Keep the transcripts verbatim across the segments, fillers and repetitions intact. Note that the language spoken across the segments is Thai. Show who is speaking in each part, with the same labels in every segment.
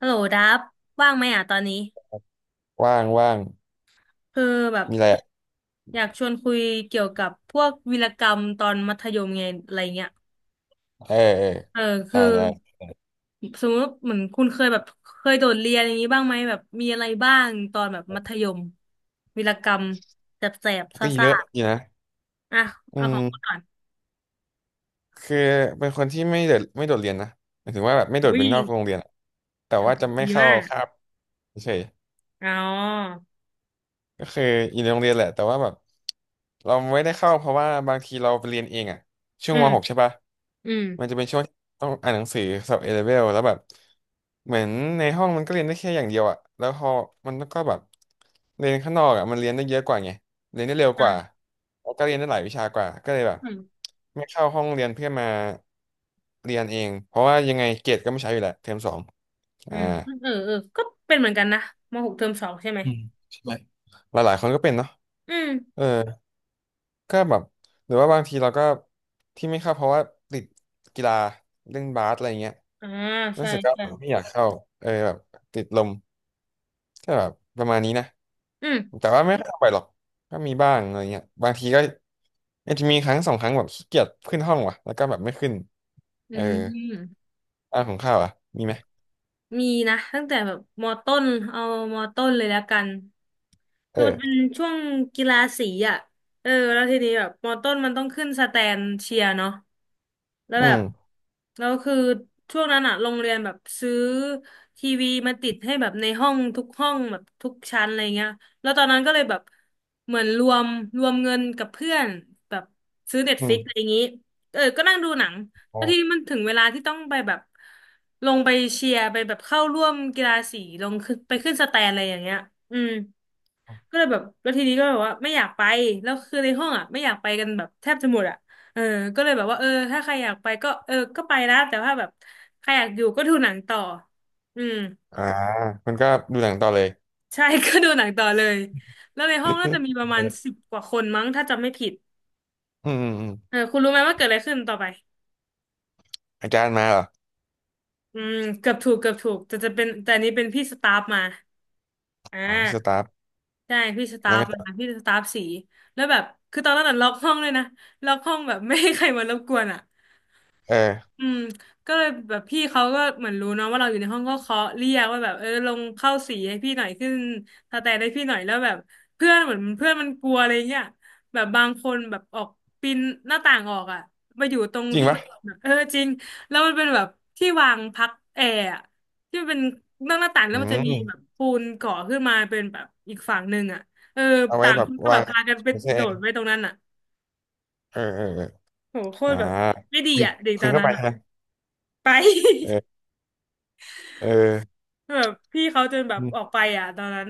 Speaker 1: ฮัลโหลดับว่างไหมอ่ะตอนนี้
Speaker 2: ว่างว่าง
Speaker 1: คือแบบ
Speaker 2: มีอะไรอะ
Speaker 1: อยากชวนคุยเกี่ยวกับพวกวีรกรรมตอนมัธยมไงอะไรเงี้ย
Speaker 2: เออเออ
Speaker 1: เออคื
Speaker 2: ได้
Speaker 1: อ
Speaker 2: ได้
Speaker 1: สมมติเหมือนคุณเคยแบบเคยโดดเรียนอย่างนี้บ้างไหมแบบมีอะไรบ้างตอนแบบมัธยมวีรกรรมแสบๆ
Speaker 2: ก็
Speaker 1: ซ่า
Speaker 2: เย
Speaker 1: ซ่า
Speaker 2: อะอยู่นะ
Speaker 1: ๆอ่ะ
Speaker 2: อื
Speaker 1: เอาของคุณ
Speaker 2: ม
Speaker 1: ก่อน
Speaker 2: คือเป็นคนที่ไม่โดดไม่โดดเรียนนะหมายถึงว่าแบบไม่โดดเป็
Speaker 1: วิ่
Speaker 2: นนอ
Speaker 1: ง
Speaker 2: กโรงเรียนอะแต่ว่าจะไม่
Speaker 1: ดี
Speaker 2: เข้า
Speaker 1: มาก
Speaker 2: คาบเฉย
Speaker 1: อ๋อ
Speaker 2: ๆก็คืออยู่ในโรงเรียนแหละแต่ว่าแบบเราไม่ได้เข้าเพราะว่าบางทีเราไปเรียนเองอะช่ว
Speaker 1: อื
Speaker 2: งม
Speaker 1: ม
Speaker 2: หกใช่ปะ
Speaker 1: อืม
Speaker 2: มันจะเป็นช่วงต้องอ่านหนังสือสอบเอเลเวลแล้วแบบเหมือนในห้องมันก็เรียนได้แค่อย่างเดียวอะแล้วพอมันก็แบบเรียนข้างนอกอะมันเรียนได้เยอะกว่าไงเรียนได้เร็วก
Speaker 1: อ่ะ
Speaker 2: ว่าแล้วก็เรียนได้หลายวิชากว่าก็เลยแบบ
Speaker 1: อืม
Speaker 2: ไม่เข้าห้องเรียนเพื่อมาเรียนเองเพราะว่ายังไงเกรดก็ไม่ใช้อยู่แหละเทอมสอง
Speaker 1: อื
Speaker 2: อ่า
Speaker 1: มเออเออก็เป็นเหมือนกันนะมหกเทอมสองใช่ไหม
Speaker 2: อืมหลายๆคนก็เป็นเนาะ
Speaker 1: อืม
Speaker 2: เออก็แบบหรือว่าบางทีเราก็ที่ไม่เข้าเพราะว่าติดกีฬาเล่นบาสอะไรเงี้ย
Speaker 1: อ่า
Speaker 2: รู้
Speaker 1: ใช่
Speaker 2: สึกก็
Speaker 1: ใช่
Speaker 2: ไม่อยากเข้าเออแบบติดลม ก็แบบประมาณนี้นะ
Speaker 1: อืม
Speaker 2: แต่ว่าไม่ค่อยออกไปหรอกก็มีบ้างอะไรเงี้ยบางทีก็อาจจะมีครั้งสองครั้งแบบขี้เกียจขึ้นห้องว่ะแล้วก็แบบไม่ขึ้น
Speaker 1: อื
Speaker 2: เออ
Speaker 1: ม
Speaker 2: บ้านของข้าวอ่ะมีไหม
Speaker 1: มีนะตั้งแต่แบบมอต้นเอามอต้นเลยแล้วกันคือมันเป็น
Speaker 2: เออ
Speaker 1: ช่วงกีฬาสีอ่ะเออแล้วทีนี้แบบมอต้นมันต้องขึ้นสแตนเชียร์เนาะ แล้ว
Speaker 2: อื
Speaker 1: แบบ
Speaker 2: ม
Speaker 1: แล้วคือช่วงนั้นอะโรงเรียนแบบซื้อทีวีมาติดให้แบบในห้องทุกห้องแบบทุกชั้นอะไรเงี้ยแล้วตอนนั้นก็เลยแบบเหมือนรวมรวมเงินกับเพื่อนแบบซื้อเน็ต
Speaker 2: อื
Speaker 1: ฟลิกอะ
Speaker 2: ม
Speaker 1: ไรอย่างงี้เออก็นั่งดูหนัง
Speaker 2: อ๋
Speaker 1: แล้ว
Speaker 2: อ
Speaker 1: ทีนี้มันถึงเวลาที่ต้องไปแบบลงไปเชียร์ไปแบบเข้าร่วมกีฬาสีลงขึ้นไปขึ้นสแตนอะไรอย่างเงี้ยอืม ก็เลยแบบแล้วทีนี้ก็แบบว่าไม่อยากไปแล้วคือในห้องอ่ะไม่อยากไปกันแบบแทบจะหมดอ่ะเออก็เลยแบบว่าเออถ้าใครอยากไปก็เออก็ไปนะแต่ว่าแบบใครอยากอยู่ก็ดูหนังต่ออืม
Speaker 2: อ่ามันก็ดูหนังต่อเลย
Speaker 1: ใช่ ก็ดูหนังต่อเลยแล้วในห้องน่าจะมีประมาณ สิบกว่าคนมั้งถ้าจำไม่ผิด
Speaker 2: อืมอืมอืม
Speaker 1: เออคุณรู้ไหมว่าเกิดอะไรขึ้นต่อไป
Speaker 2: อาจารย์มาเหรอ
Speaker 1: อืมเกือบถูกเกือบถูกแต่จะเป็นแต่อันนี้เป็นพี่สตาฟมาอ่
Speaker 2: อ๋อพี่สตา
Speaker 1: า
Speaker 2: ฟ
Speaker 1: ใช่พี่สตา
Speaker 2: แล้ว
Speaker 1: ฟ
Speaker 2: ก็
Speaker 1: มาพี่สตาฟสีแล้วแบบคือตอนนั้นน่ะล็อกห้องเลยนะล็อกห้องแบบไม่ให้ใครมารบกวนอ่ะ
Speaker 2: เออ
Speaker 1: อืมก็เลยแบบพี่เขาก็เหมือนรู้เนาะว่าเราอยู่ในห้องก็เคาะเรียกว่าแบบเออลงเข้าสีให้พี่หน่อยขึ้นสแตนให้พี่หน่อยแล้วแบบเพื่อนเหมือนเพื่อนมันกลัวอะไรเงี้ยแบบบางคนแบบออกปีนหน้าต่างออกอ่ะมาอยู่ตรง
Speaker 2: จริง
Speaker 1: ที่มั
Speaker 2: ปะ
Speaker 1: นเออจริงแล้วมันเป็นแบบที่วางพักแอร์อะที่มันเป็นนอกหน้าต่างแล้
Speaker 2: อื
Speaker 1: วมันจะมี
Speaker 2: ม
Speaker 1: แบบปูนก่อขึ้นมาเป็นแบบอีกฝั่งหนึ่งอ่ะเออ
Speaker 2: เอาไว้
Speaker 1: ต่าง
Speaker 2: แบ
Speaker 1: ค
Speaker 2: บ
Speaker 1: นก็แบ
Speaker 2: วา
Speaker 1: บ
Speaker 2: ง
Speaker 1: พากันไป
Speaker 2: โอเค
Speaker 1: โดดไปตรงนั้นอ่ะ
Speaker 2: เออเออเออ
Speaker 1: โหโค
Speaker 2: อ่า
Speaker 1: ตรแบบไม่ดี
Speaker 2: คุณ
Speaker 1: อ่ะเด็ก
Speaker 2: คุ
Speaker 1: ต
Speaker 2: ณ
Speaker 1: อน
Speaker 2: เข้า
Speaker 1: นั้
Speaker 2: ไป
Speaker 1: นอ่ะ
Speaker 2: ใช่ไหม
Speaker 1: ไ
Speaker 2: เอ
Speaker 1: ป
Speaker 2: อเออ
Speaker 1: แบบพี่เขาจนแบบ
Speaker 2: อื
Speaker 1: ออก
Speaker 2: ม
Speaker 1: ไปอ่ะตอนนั้น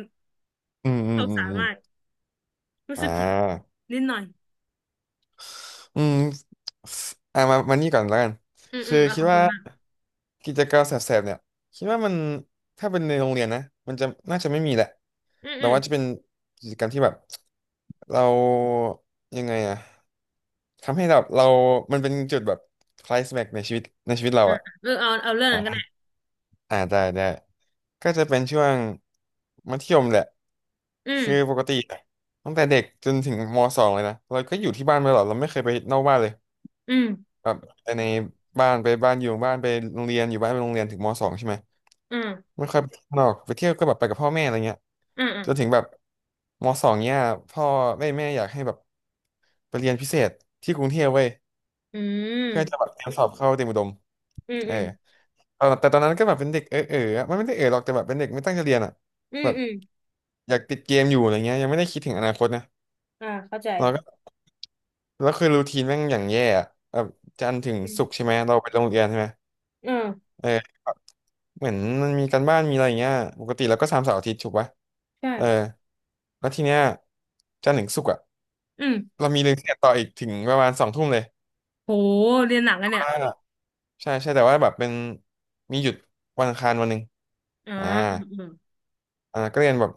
Speaker 2: อืมอื
Speaker 1: ส
Speaker 2: ม
Speaker 1: ง
Speaker 2: อืม
Speaker 1: สาร
Speaker 2: อ
Speaker 1: มาก
Speaker 2: ม
Speaker 1: รู้
Speaker 2: อ่
Speaker 1: สึกผิด
Speaker 2: า
Speaker 1: นิดหน่อย
Speaker 2: อืมอ่ะมามานี่ก่อนแล้วกัน
Speaker 1: อืมอื
Speaker 2: คือ
Speaker 1: มเอา
Speaker 2: คิ
Speaker 1: ข
Speaker 2: ด
Speaker 1: องคุ
Speaker 2: ว่า
Speaker 1: ณมาก
Speaker 2: กิจกรรมแสบๆเนี่ยคิดว่ามันถ้าเป็นในโรงเรียนนะมันจะน่าจะไม่มีแหละ
Speaker 1: อืม
Speaker 2: แต่
Speaker 1: อืม
Speaker 2: ว่าจะเป็นกิจกรรมที่แบบเรายังไงอะทำให้แบบเรามันเป็นจุดแบบคลายแม็กในชีวิตในชีวิตเรา
Speaker 1: อ่า
Speaker 2: อะ
Speaker 1: เออเอาเอาเรื่องนั้นก็ได้
Speaker 2: อ่าอ่าได้ได้ก็จะเป็นช่วงมัธยมแหละ
Speaker 1: อืม
Speaker 2: คือปกติตั้งแต่เด็กจนถึงมสองเลยนะเราก็อยู่ที่บ้านมาตลอดเราไม่เคยไปนอกบ้านเลย
Speaker 1: อืม
Speaker 2: แบบไปในบ้านไปบ้านอยู่บ้านไปโรงเรียนอยู่บ้านไปโรงเรียนถึงมสองใช่ไหม
Speaker 1: อืม
Speaker 2: ไม่ค่อยไปข้างนอกไปเที่ยวก็แบบไปกับพ่อแม่อะไรเงี้ย
Speaker 1: อืมอืม
Speaker 2: จนถึงแบบมสองเนี่ยพ่อแม่แม่อยากให้แบบไปเรียนพิเศษที่กรุงเทพเว้ย
Speaker 1: อื
Speaker 2: เพื่อ
Speaker 1: ม
Speaker 2: จะแบบเตรียมสอบเข้าเตรียมอุดม
Speaker 1: อืม
Speaker 2: เอ
Speaker 1: อื
Speaker 2: อตอนแต่ตอนนั้นก็แบบเป็นเด็กเออเอออะมันไม่ได้เออหรอกแต่แบบเป็นเด็กไม่ตั้งใจเรียนอ่ะ
Speaker 1: ม
Speaker 2: แบบ
Speaker 1: อืม
Speaker 2: อยากติดเกมอยู่อะไรเงี้ยยังไม่ได้คิดถึงอนาคตนะ
Speaker 1: อ่าเข้าใจ
Speaker 2: เราก็แล้วคือรูทีนแม่งอย่างแย่อะแบบจันทร์ถึง
Speaker 1: อืม
Speaker 2: ศุกร์ใช่ไหมเราไปโรงเรียนใช่ไหม
Speaker 1: เออ
Speaker 2: เหมือนมันมีการบ้านมีอะไรอย่างเงี้ยปกติเราก็ทำเสาร์อาทิตย์ถูกปะ
Speaker 1: ใช่
Speaker 2: เออแล้วทีเนี้ยจันทร์ถึงศุกร์อะ
Speaker 1: อืม
Speaker 2: เรามีเรียนพิเศษต่ออีกถึงประมาณสองทุ่มเลย
Speaker 1: โหเรียนหนักกันเนี่ย
Speaker 2: ว่าใช่ใช่แต่ว่าแบบเป็นมีหยุดวันอังคารวันหนึ่ง
Speaker 1: อ่า
Speaker 2: อ่า
Speaker 1: อืมอืม
Speaker 2: อ่าก็เรียนแบบ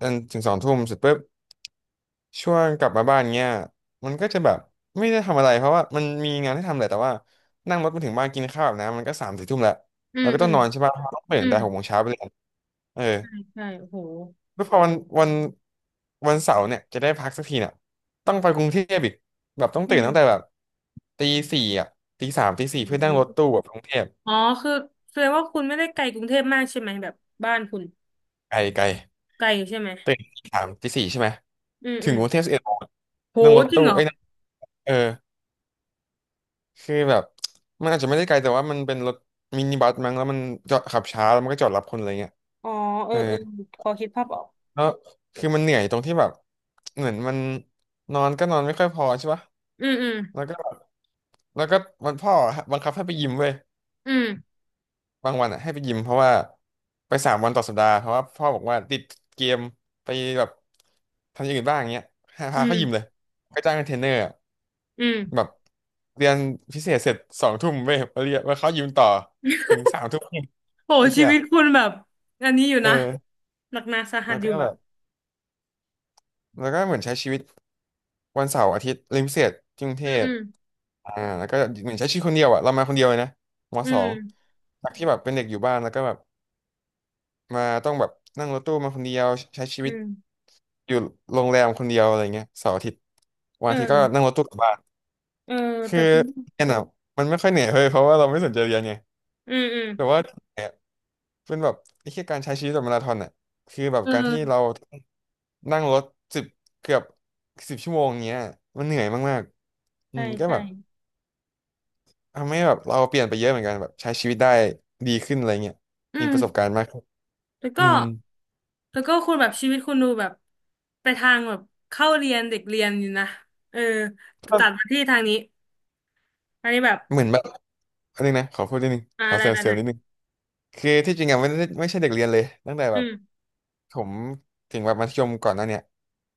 Speaker 2: จนถึงสองทุ่มเสร็จปุ๊บช่วงกลับมาบ้านเงี้ยมันก็จะแบบไม่ได้ทำอะไรเพราะว่ามันมีงานให้ทำแหละแต่ว่านั่งรถมาถึงบ้านกินข้าวแบบน้ำมันก็สามสี่ทุ่มแล้ว
Speaker 1: อื
Speaker 2: เรา
Speaker 1: ม
Speaker 2: ก็
Speaker 1: อื
Speaker 2: ต้อง
Speaker 1: ม
Speaker 2: นอนใช่ปะต้องตื่
Speaker 1: อื
Speaker 2: นแต่
Speaker 1: ม
Speaker 2: หกโมงเช้าไปเรียนเออ
Speaker 1: ใช่โอ้โห
Speaker 2: แล้วพอวันวันวันเสาร์เนี่ยจะได้พักสักทีเนี่ยต้องไปกรุงเทพอีกแบบต้อง
Speaker 1: อื
Speaker 2: ตื่น
Speaker 1: ม
Speaker 2: ตั้งแต่แบบตีสี่อ่ะตีสามตีสี่
Speaker 1: อื
Speaker 2: เพื่อนั่งรถตู้
Speaker 1: ม
Speaker 2: แบบกรุงเทพ
Speaker 1: อ๋อคือแสดงว่าคุณไม่ได้ไกลกรุงเทพมากใช่ไหมแบบบ้านคุณ
Speaker 2: ไกลไกล
Speaker 1: ไกลอยู่ใช่ไหม
Speaker 2: ตื่นตีสามตีสี่ใช่ไหม
Speaker 1: อืม
Speaker 2: ถึ
Speaker 1: อื
Speaker 2: ง
Speaker 1: ม
Speaker 2: กรุงเทพสิบเอ็ดโมง
Speaker 1: โห
Speaker 2: นั่งรถ
Speaker 1: จริง
Speaker 2: ตู้
Speaker 1: เหรอ
Speaker 2: เอ้ยนั่งเออคือแบบมันอาจจะไม่ได้ไกลแต่ว่ามันเป็นรถมินิบัสมั้งแล้วมันจอดขับช้าแล้วมันก็จอดรับคนอะไรเงี้ย
Speaker 1: อ๋อเอ
Speaker 2: เอ
Speaker 1: อ
Speaker 2: อ
Speaker 1: เออพอคิดภาพออก
Speaker 2: แล้วคือมันเหนื่อยตรงที่แบบเหมือนมันนอนก็นอนไม่ค่อยพอใช่ปะ
Speaker 1: อืมอืม
Speaker 2: แล้วก็ แล้วก็วันพ่อบังคับให้ไปยิมเว้ย
Speaker 1: อืม
Speaker 2: บางวันอ่ะให้ไปยิมเพราะว่าไปสามวันต่อสัปดาห์เพราะว่าพ่อบอกว่าติดเกมไปแบบทำอย่างอื่นบ้างอย่างเงี้ยให้
Speaker 1: อื
Speaker 2: พาเขายิมเลย
Speaker 1: ม
Speaker 2: ก็จ้างเทรนเนอร์อะ
Speaker 1: อื
Speaker 2: แบ
Speaker 1: ม
Speaker 2: บเรียนพิเศษเสร็จสองทุ่มเว้ยมาเรียนมาเขายิมต่อถึงสามทุ่ม
Speaker 1: โห
Speaker 2: ไอ้
Speaker 1: ชี
Speaker 2: เหี้ย
Speaker 1: วิตคุณแบบอันนี้อยู่
Speaker 2: เออ
Speaker 1: นะหนักหนาสาหั
Speaker 2: มั
Speaker 1: ส
Speaker 2: น
Speaker 1: อยู่
Speaker 2: ก็แบ
Speaker 1: อะ
Speaker 2: บแล้วก็เหมือนใช้ชีวิตวันเสาร์อาทิตย์เรียนพิเศษที่กรุงเท
Speaker 1: อืม
Speaker 2: พ
Speaker 1: อืม
Speaker 2: อ่าแล้วก็เหมือนใช้ชีวิตคนเดียวอ่ะเรามาคนเดียวเลยนะม
Speaker 1: อื
Speaker 2: สอง
Speaker 1: ม
Speaker 2: จากที่แบบเป็นเด็กอยู่บ้านแล้วก็แบบ มาต้องแบบนั่งรถตู้มาคนเดียวใช้ชี
Speaker 1: อื
Speaker 2: วิต
Speaker 1: ม
Speaker 2: อยู่โรงแรมคนเดียวอะไรเงี้ยเสาร์อาทิตย์วัน
Speaker 1: เออ
Speaker 2: อาทิตย์ก็นั่งรถตู้กลับบ้าน
Speaker 1: เออ
Speaker 2: คื
Speaker 1: แต่
Speaker 2: อ
Speaker 1: คุณ
Speaker 2: เรียนอะมันไม่ค่อยเหนื่อยเลยเพราะว่าเราไม่สนใจเรียนไง
Speaker 1: อืมอืม
Speaker 2: แต่ว่าเนี่ยเป็นแบบไอ้แค่การใช้ชีวิตแบบมาราธอนอ่ะคือแบบ
Speaker 1: เอ
Speaker 2: การที่เรา
Speaker 1: อ
Speaker 2: นั่งรถสิบเกือบสิบชั่วโมงเงี้ยมันเหนื่อยมากๆอื
Speaker 1: ใช่
Speaker 2: มก็
Speaker 1: ใช่
Speaker 2: แบบทำให้แบบเราเปลี่ยนไปเยอะเหมือนกันแบบใช้ชีวิตได้ดีขึ้นอะไรเงี้ย
Speaker 1: อื
Speaker 2: มี
Speaker 1: ม
Speaker 2: ประสบการณ์มากขึ้น
Speaker 1: แล้ว
Speaker 2: อื
Speaker 1: ก็
Speaker 2: ม
Speaker 1: แล้วก็คุณแบบชีวิตคุณดูแบบไปทางแบบเข้าเรียนเด็กเรียนอยู่นะเออแต่
Speaker 2: ก็
Speaker 1: ตัดมาที่ทางนี้อันนี้แบบ
Speaker 2: เหมือนแบบอันนึงนะขอพูดนิดนึง
Speaker 1: อะ
Speaker 2: ขอ
Speaker 1: ไร
Speaker 2: เซลล์เซล
Speaker 1: ไหน
Speaker 2: ล์นิดนึง คือที่จริงอะไม่ได้ไม่ใช่เด็กเรียนเลยตั้งแต่
Speaker 1: ๆ
Speaker 2: แบ
Speaker 1: อื
Speaker 2: บ
Speaker 1: ม
Speaker 2: ผมถึงแบบมัธยมก่อนหน้าเนี่ย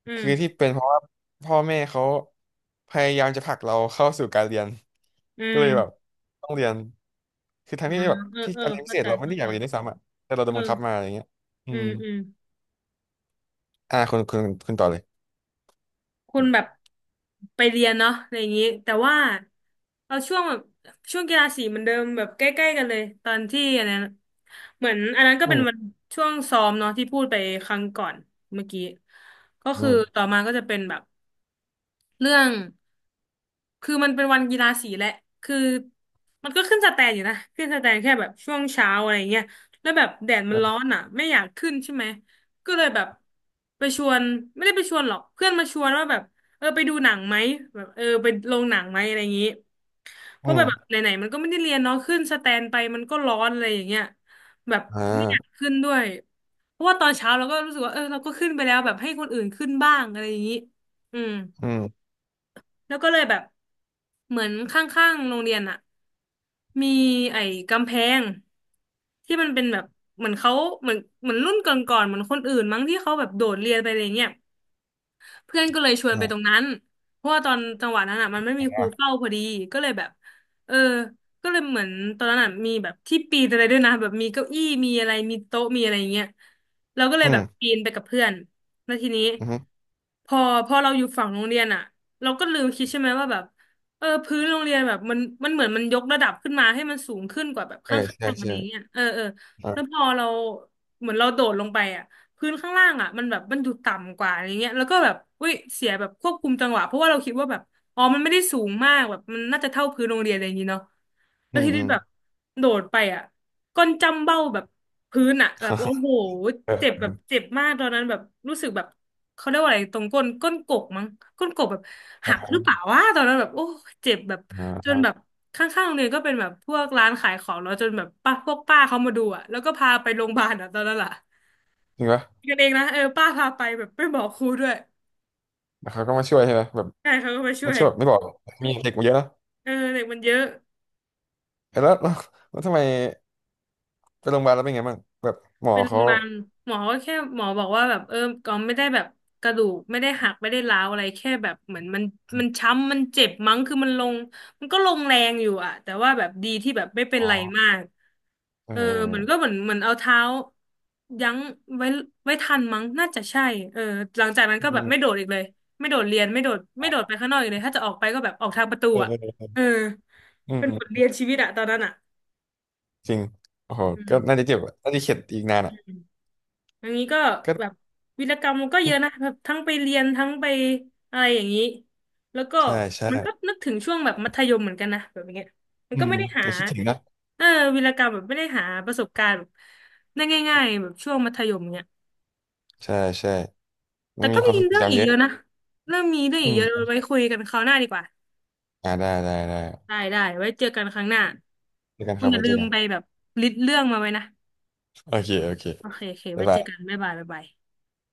Speaker 1: อืม
Speaker 2: คือที่เป็นเพราะว่าพ่อแม่เขาพยายามจะผลักเราเข้าสู่การเรียน
Speaker 1: อื
Speaker 2: ก็เลยแบบ
Speaker 1: ม
Speaker 2: ต้องเรียนคือทั้ง
Speaker 1: อ่า
Speaker 2: ที่แบบ
Speaker 1: เออ
Speaker 2: ที่
Speaker 1: เออ
Speaker 2: การเรียนพิ
Speaker 1: เข้า
Speaker 2: เศษ
Speaker 1: ใจ
Speaker 2: เราไม่
Speaker 1: เข้า
Speaker 2: ได้อยา
Speaker 1: ใจ
Speaker 2: กเรียนด้วยซ้ำอะแต่เราโด
Speaker 1: อื
Speaker 2: นบังคับมา
Speaker 1: ม
Speaker 2: อย่างเงี้ยอื
Speaker 1: อื
Speaker 2: ม
Speaker 1: มอืม
Speaker 2: อ่าคุณคุณคุณต่อเลย
Speaker 1: คุณแบบ
Speaker 2: อ
Speaker 1: ไปเรียนเนาะอะไรอย่างนี้แต่ว่าเอาช่วงแบบช่วงกีฬาสีเหมือนเดิมแบบใกล้ๆกันเลยตอนที่อันนั้นเหมือนอันนั้นก็
Speaker 2: ื
Speaker 1: เป็นวัน
Speaker 2: ม
Speaker 1: ช่วงซ้อมเนาะที่พูดไปครั้งก่อนเมื่อกี้ก็
Speaker 2: อื
Speaker 1: คือต่
Speaker 2: ม
Speaker 1: อมาก็จะเป็นแบบเรื่อง คือมันเป็นวันกีฬาสีแหละคือมันก็ขึ้นสแตนอยู่นะขึ้นสแตนแค่แบบช่วงเช้าอะไรเงี้ยแล้วแบบแดดมั
Speaker 2: อื
Speaker 1: นร้อ
Speaker 2: ม
Speaker 1: นอ่ะไม่อยากขึ้นใช่ไหม ก็เลยแบบไปชวนไม่ได้ไปชวนหรอกเพื่อนมาชวนว่าแบบเออไปดูหนังไหมแบบเออไปโรงหนังไหมอะไรอย่างนี้เพราะแบบ
Speaker 2: อ
Speaker 1: ไหนๆมันก็ไม่ได้เรียนเนาะขึ้นสแตนไปมันก็ร้อนอะไรอย่างเงี้ยแบบ
Speaker 2: อ่
Speaker 1: ไม่อยาก
Speaker 2: า
Speaker 1: ขึ้นด้วยเพราะว่าตอนเช้าเราก็รู้สึกว่าเออเราก็ขึ้นไปแล้วแบบให้คนอื่นขึ้นบ้างอะไรอย่างนี้อืม
Speaker 2: อืม
Speaker 1: แล้วก็เลยแบบเหมือนข้างๆโรงเรียนอะมีไอ้กำแพงที่มันเป็นแบบเหมือนเขาเหมือนเหมือนรุ่นก่อนๆเหมือนคนอื่นมั้งที่เขาแบบโดดเรียนไปอะไรเงี้ย เพื่อนก็เลยชวน
Speaker 2: อ่
Speaker 1: ไปตร
Speaker 2: า
Speaker 1: งนั้นเพราะว่าตอนจังหวะนั้นอ่ะมันไม่มีครูเฝ้าพอดีก็เลยแบบเออก็เลยเหมือนตอนนั้นอ่ะมีแบบที่ปีนอะไรด้วยนะแบบมีเก้าอี้ มีอะไร มีโต๊ะ มีอะไรอย่างเงี้ยเราก็เลย
Speaker 2: อื
Speaker 1: แบ
Speaker 2: ม
Speaker 1: บปีนไปกับเพื่อนแล้วทีนี้
Speaker 2: อืม
Speaker 1: พอพอเราอยู่ฝั่งโรงเรียนอ่ะเราก็ลืมคิดใช่ไหมว่าแบบเออพื้นโรงเรียนแบบมันมันเหมือนมันยกระดับขึ้นมาให้มันสูงขึ้นกว่าแบบ
Speaker 2: เออ
Speaker 1: ข้า
Speaker 2: ใช่
Speaker 1: งๆอะไร
Speaker 2: ใช่
Speaker 1: เงี้ยเออเออแล้ว
Speaker 2: อ่า
Speaker 1: พอเราเหมือนเราโดดลงไปอ่ะ พื้นข้างล่างอ่ะมันแบบมันดูต่ำกว่าอะไรเงี้ยแล้วก็แบบอุ้ยเสียแบบควบคุมจังหวะเพราะว่าเราคิดว่าแบบอ๋อมันไม่ได้สูงมากแบบมันน่าจะเท่าพื้นโรงเรียนอะไรอย่างงี้เนาะแล้
Speaker 2: อื
Speaker 1: ว
Speaker 2: ม
Speaker 1: ที
Speaker 2: อื
Speaker 1: นี้
Speaker 2: ม
Speaker 1: แบบโดดไปอ่ะก้นจ้ำเบ้าแบบพื้นอ่ะแบบโอ้โห เจ็บ
Speaker 2: เออ
Speaker 1: แบบเจ็บมากตอนนั้นแบบรู้สึกแบบเขาเรียกว่าอะไรตรงก้นก้นกบมั้งก้นกบแบบหักหรือเป
Speaker 2: อ่า
Speaker 1: ล่าวะตอนนั้นแบบโอ้เจ็บแบบ
Speaker 2: อ่
Speaker 1: จนแบ
Speaker 2: า
Speaker 1: บข้างๆโรงเรียนก็เป็นแบบพวกร้านขายของแล้วจนแบบป้าพวกป้าเขามาดูอ่ะแล้วก็พาไปโรงพยาบาลอ่ะตอนนั้นล่ะ
Speaker 2: จริงปะ
Speaker 1: กันเองนะเออป้าพาไปแบบไม่บอกครูด้วย
Speaker 2: แล้วเขาก็มาช่วยใช่ไหมแบบ
Speaker 1: ใช่เขาก็มาช่
Speaker 2: ไม่
Speaker 1: วย
Speaker 2: เชื่อแบบไม่บอกมีเด็กมาเยอะนะ
Speaker 1: เออเด็กมันเยอะ
Speaker 2: เอ้ยแล้วแล้วแล้วทำไมไปโรงพยาบาลแล้วเป็นไงบ้างแบบหมอ
Speaker 1: เป็นโรง
Speaker 2: เขา
Speaker 1: พยาบาลหมอก็แค่หมอบอกว่าแบบเออก็ไม่ได้แบบกระดูกไม่ได้หักไม่ได้ร้าวอะไรแค่แบบเหมือนมันมันช้ำมันเจ็บมั้งคือมันลงมันก็ลงแรงอยู่อะแต่ว่าแบบดีที่แบบไม่เป็น
Speaker 2: อ๋อ
Speaker 1: ไรมาก
Speaker 2: เอ
Speaker 1: เออเหมือนก็
Speaker 2: อ
Speaker 1: เหมือนเหมือนเอาเท้ายั้งไว้ไว้ทันมั้งน่าจะใช่เออหลังจากนั้นก็แบบไม่โดดอีกเลยไม่โดดเรียนไม่โดดไม่โดดไปข้างนอกอีกเลยถ้าจะออกไปก็แบบออกทางประตู
Speaker 2: เออ
Speaker 1: อะ
Speaker 2: เออเออเออ
Speaker 1: เออ
Speaker 2: เอออื
Speaker 1: เป็นบท
Speaker 2: ม
Speaker 1: เรียนชีวิตอะตอนนั้นอะ
Speaker 2: จริงโอ้โห
Speaker 1: อื
Speaker 2: ก็น่า
Speaker 1: ม
Speaker 2: จะเจ็บอะน่าจะเข็ดอีกนานอ่ะ
Speaker 1: อย่างนี้ก็
Speaker 2: ก็
Speaker 1: แบบวีรกรรมมันก็เยอะนะแบบทั้งไปเรียนทั้งไปอะไรอย่างนี้แล้วก็
Speaker 2: ใช่
Speaker 1: มันก็
Speaker 2: ใช่
Speaker 1: นึกถึงช่วงแบบมัธยมเหมือนกันนะแบบอย่างเงี้ยมั
Speaker 2: อื
Speaker 1: นก็
Speaker 2: ม
Speaker 1: ไม่ได้หา
Speaker 2: ยังคิดถึงนะ
Speaker 1: เออวีรกรรมแบบไม่ได้หาประสบการณ์แบบได้ง่ายๆแบบช่วงมัธยมเนี้ย
Speaker 2: ใช่ใช่มั
Speaker 1: แต่
Speaker 2: นมี
Speaker 1: ก็
Speaker 2: ควา
Speaker 1: มี
Speaker 2: มทร
Speaker 1: เรื่
Speaker 2: ง
Speaker 1: อง
Speaker 2: จำ
Speaker 1: อี
Speaker 2: เย
Speaker 1: กเย
Speaker 2: อะ
Speaker 1: อะนะเรื่องมีเรื่อง
Speaker 2: อื
Speaker 1: อีกเยอะ
Speaker 2: ม
Speaker 1: ไว้คุยกันคราวหน้าดีกว่า
Speaker 2: อ่าได้ได้ได้
Speaker 1: ได้ได้ไว้เจอกันครั้งหน้า
Speaker 2: เจอกัน
Speaker 1: คุ
Speaker 2: ค
Speaker 1: ณ
Speaker 2: รับ
Speaker 1: อย่า
Speaker 2: ไว้
Speaker 1: ลื
Speaker 2: เจอ
Speaker 1: ม
Speaker 2: กัน
Speaker 1: ไปแบบลิสต์เรื่องมาไว้นะ
Speaker 2: โอเคโอเค
Speaker 1: โอเคโอเค
Speaker 2: บ๊า
Speaker 1: ไว้
Speaker 2: ย
Speaker 1: เจ
Speaker 2: บา
Speaker 1: อกัน
Speaker 2: ย
Speaker 1: บ๊ายบายบ๊ายบาย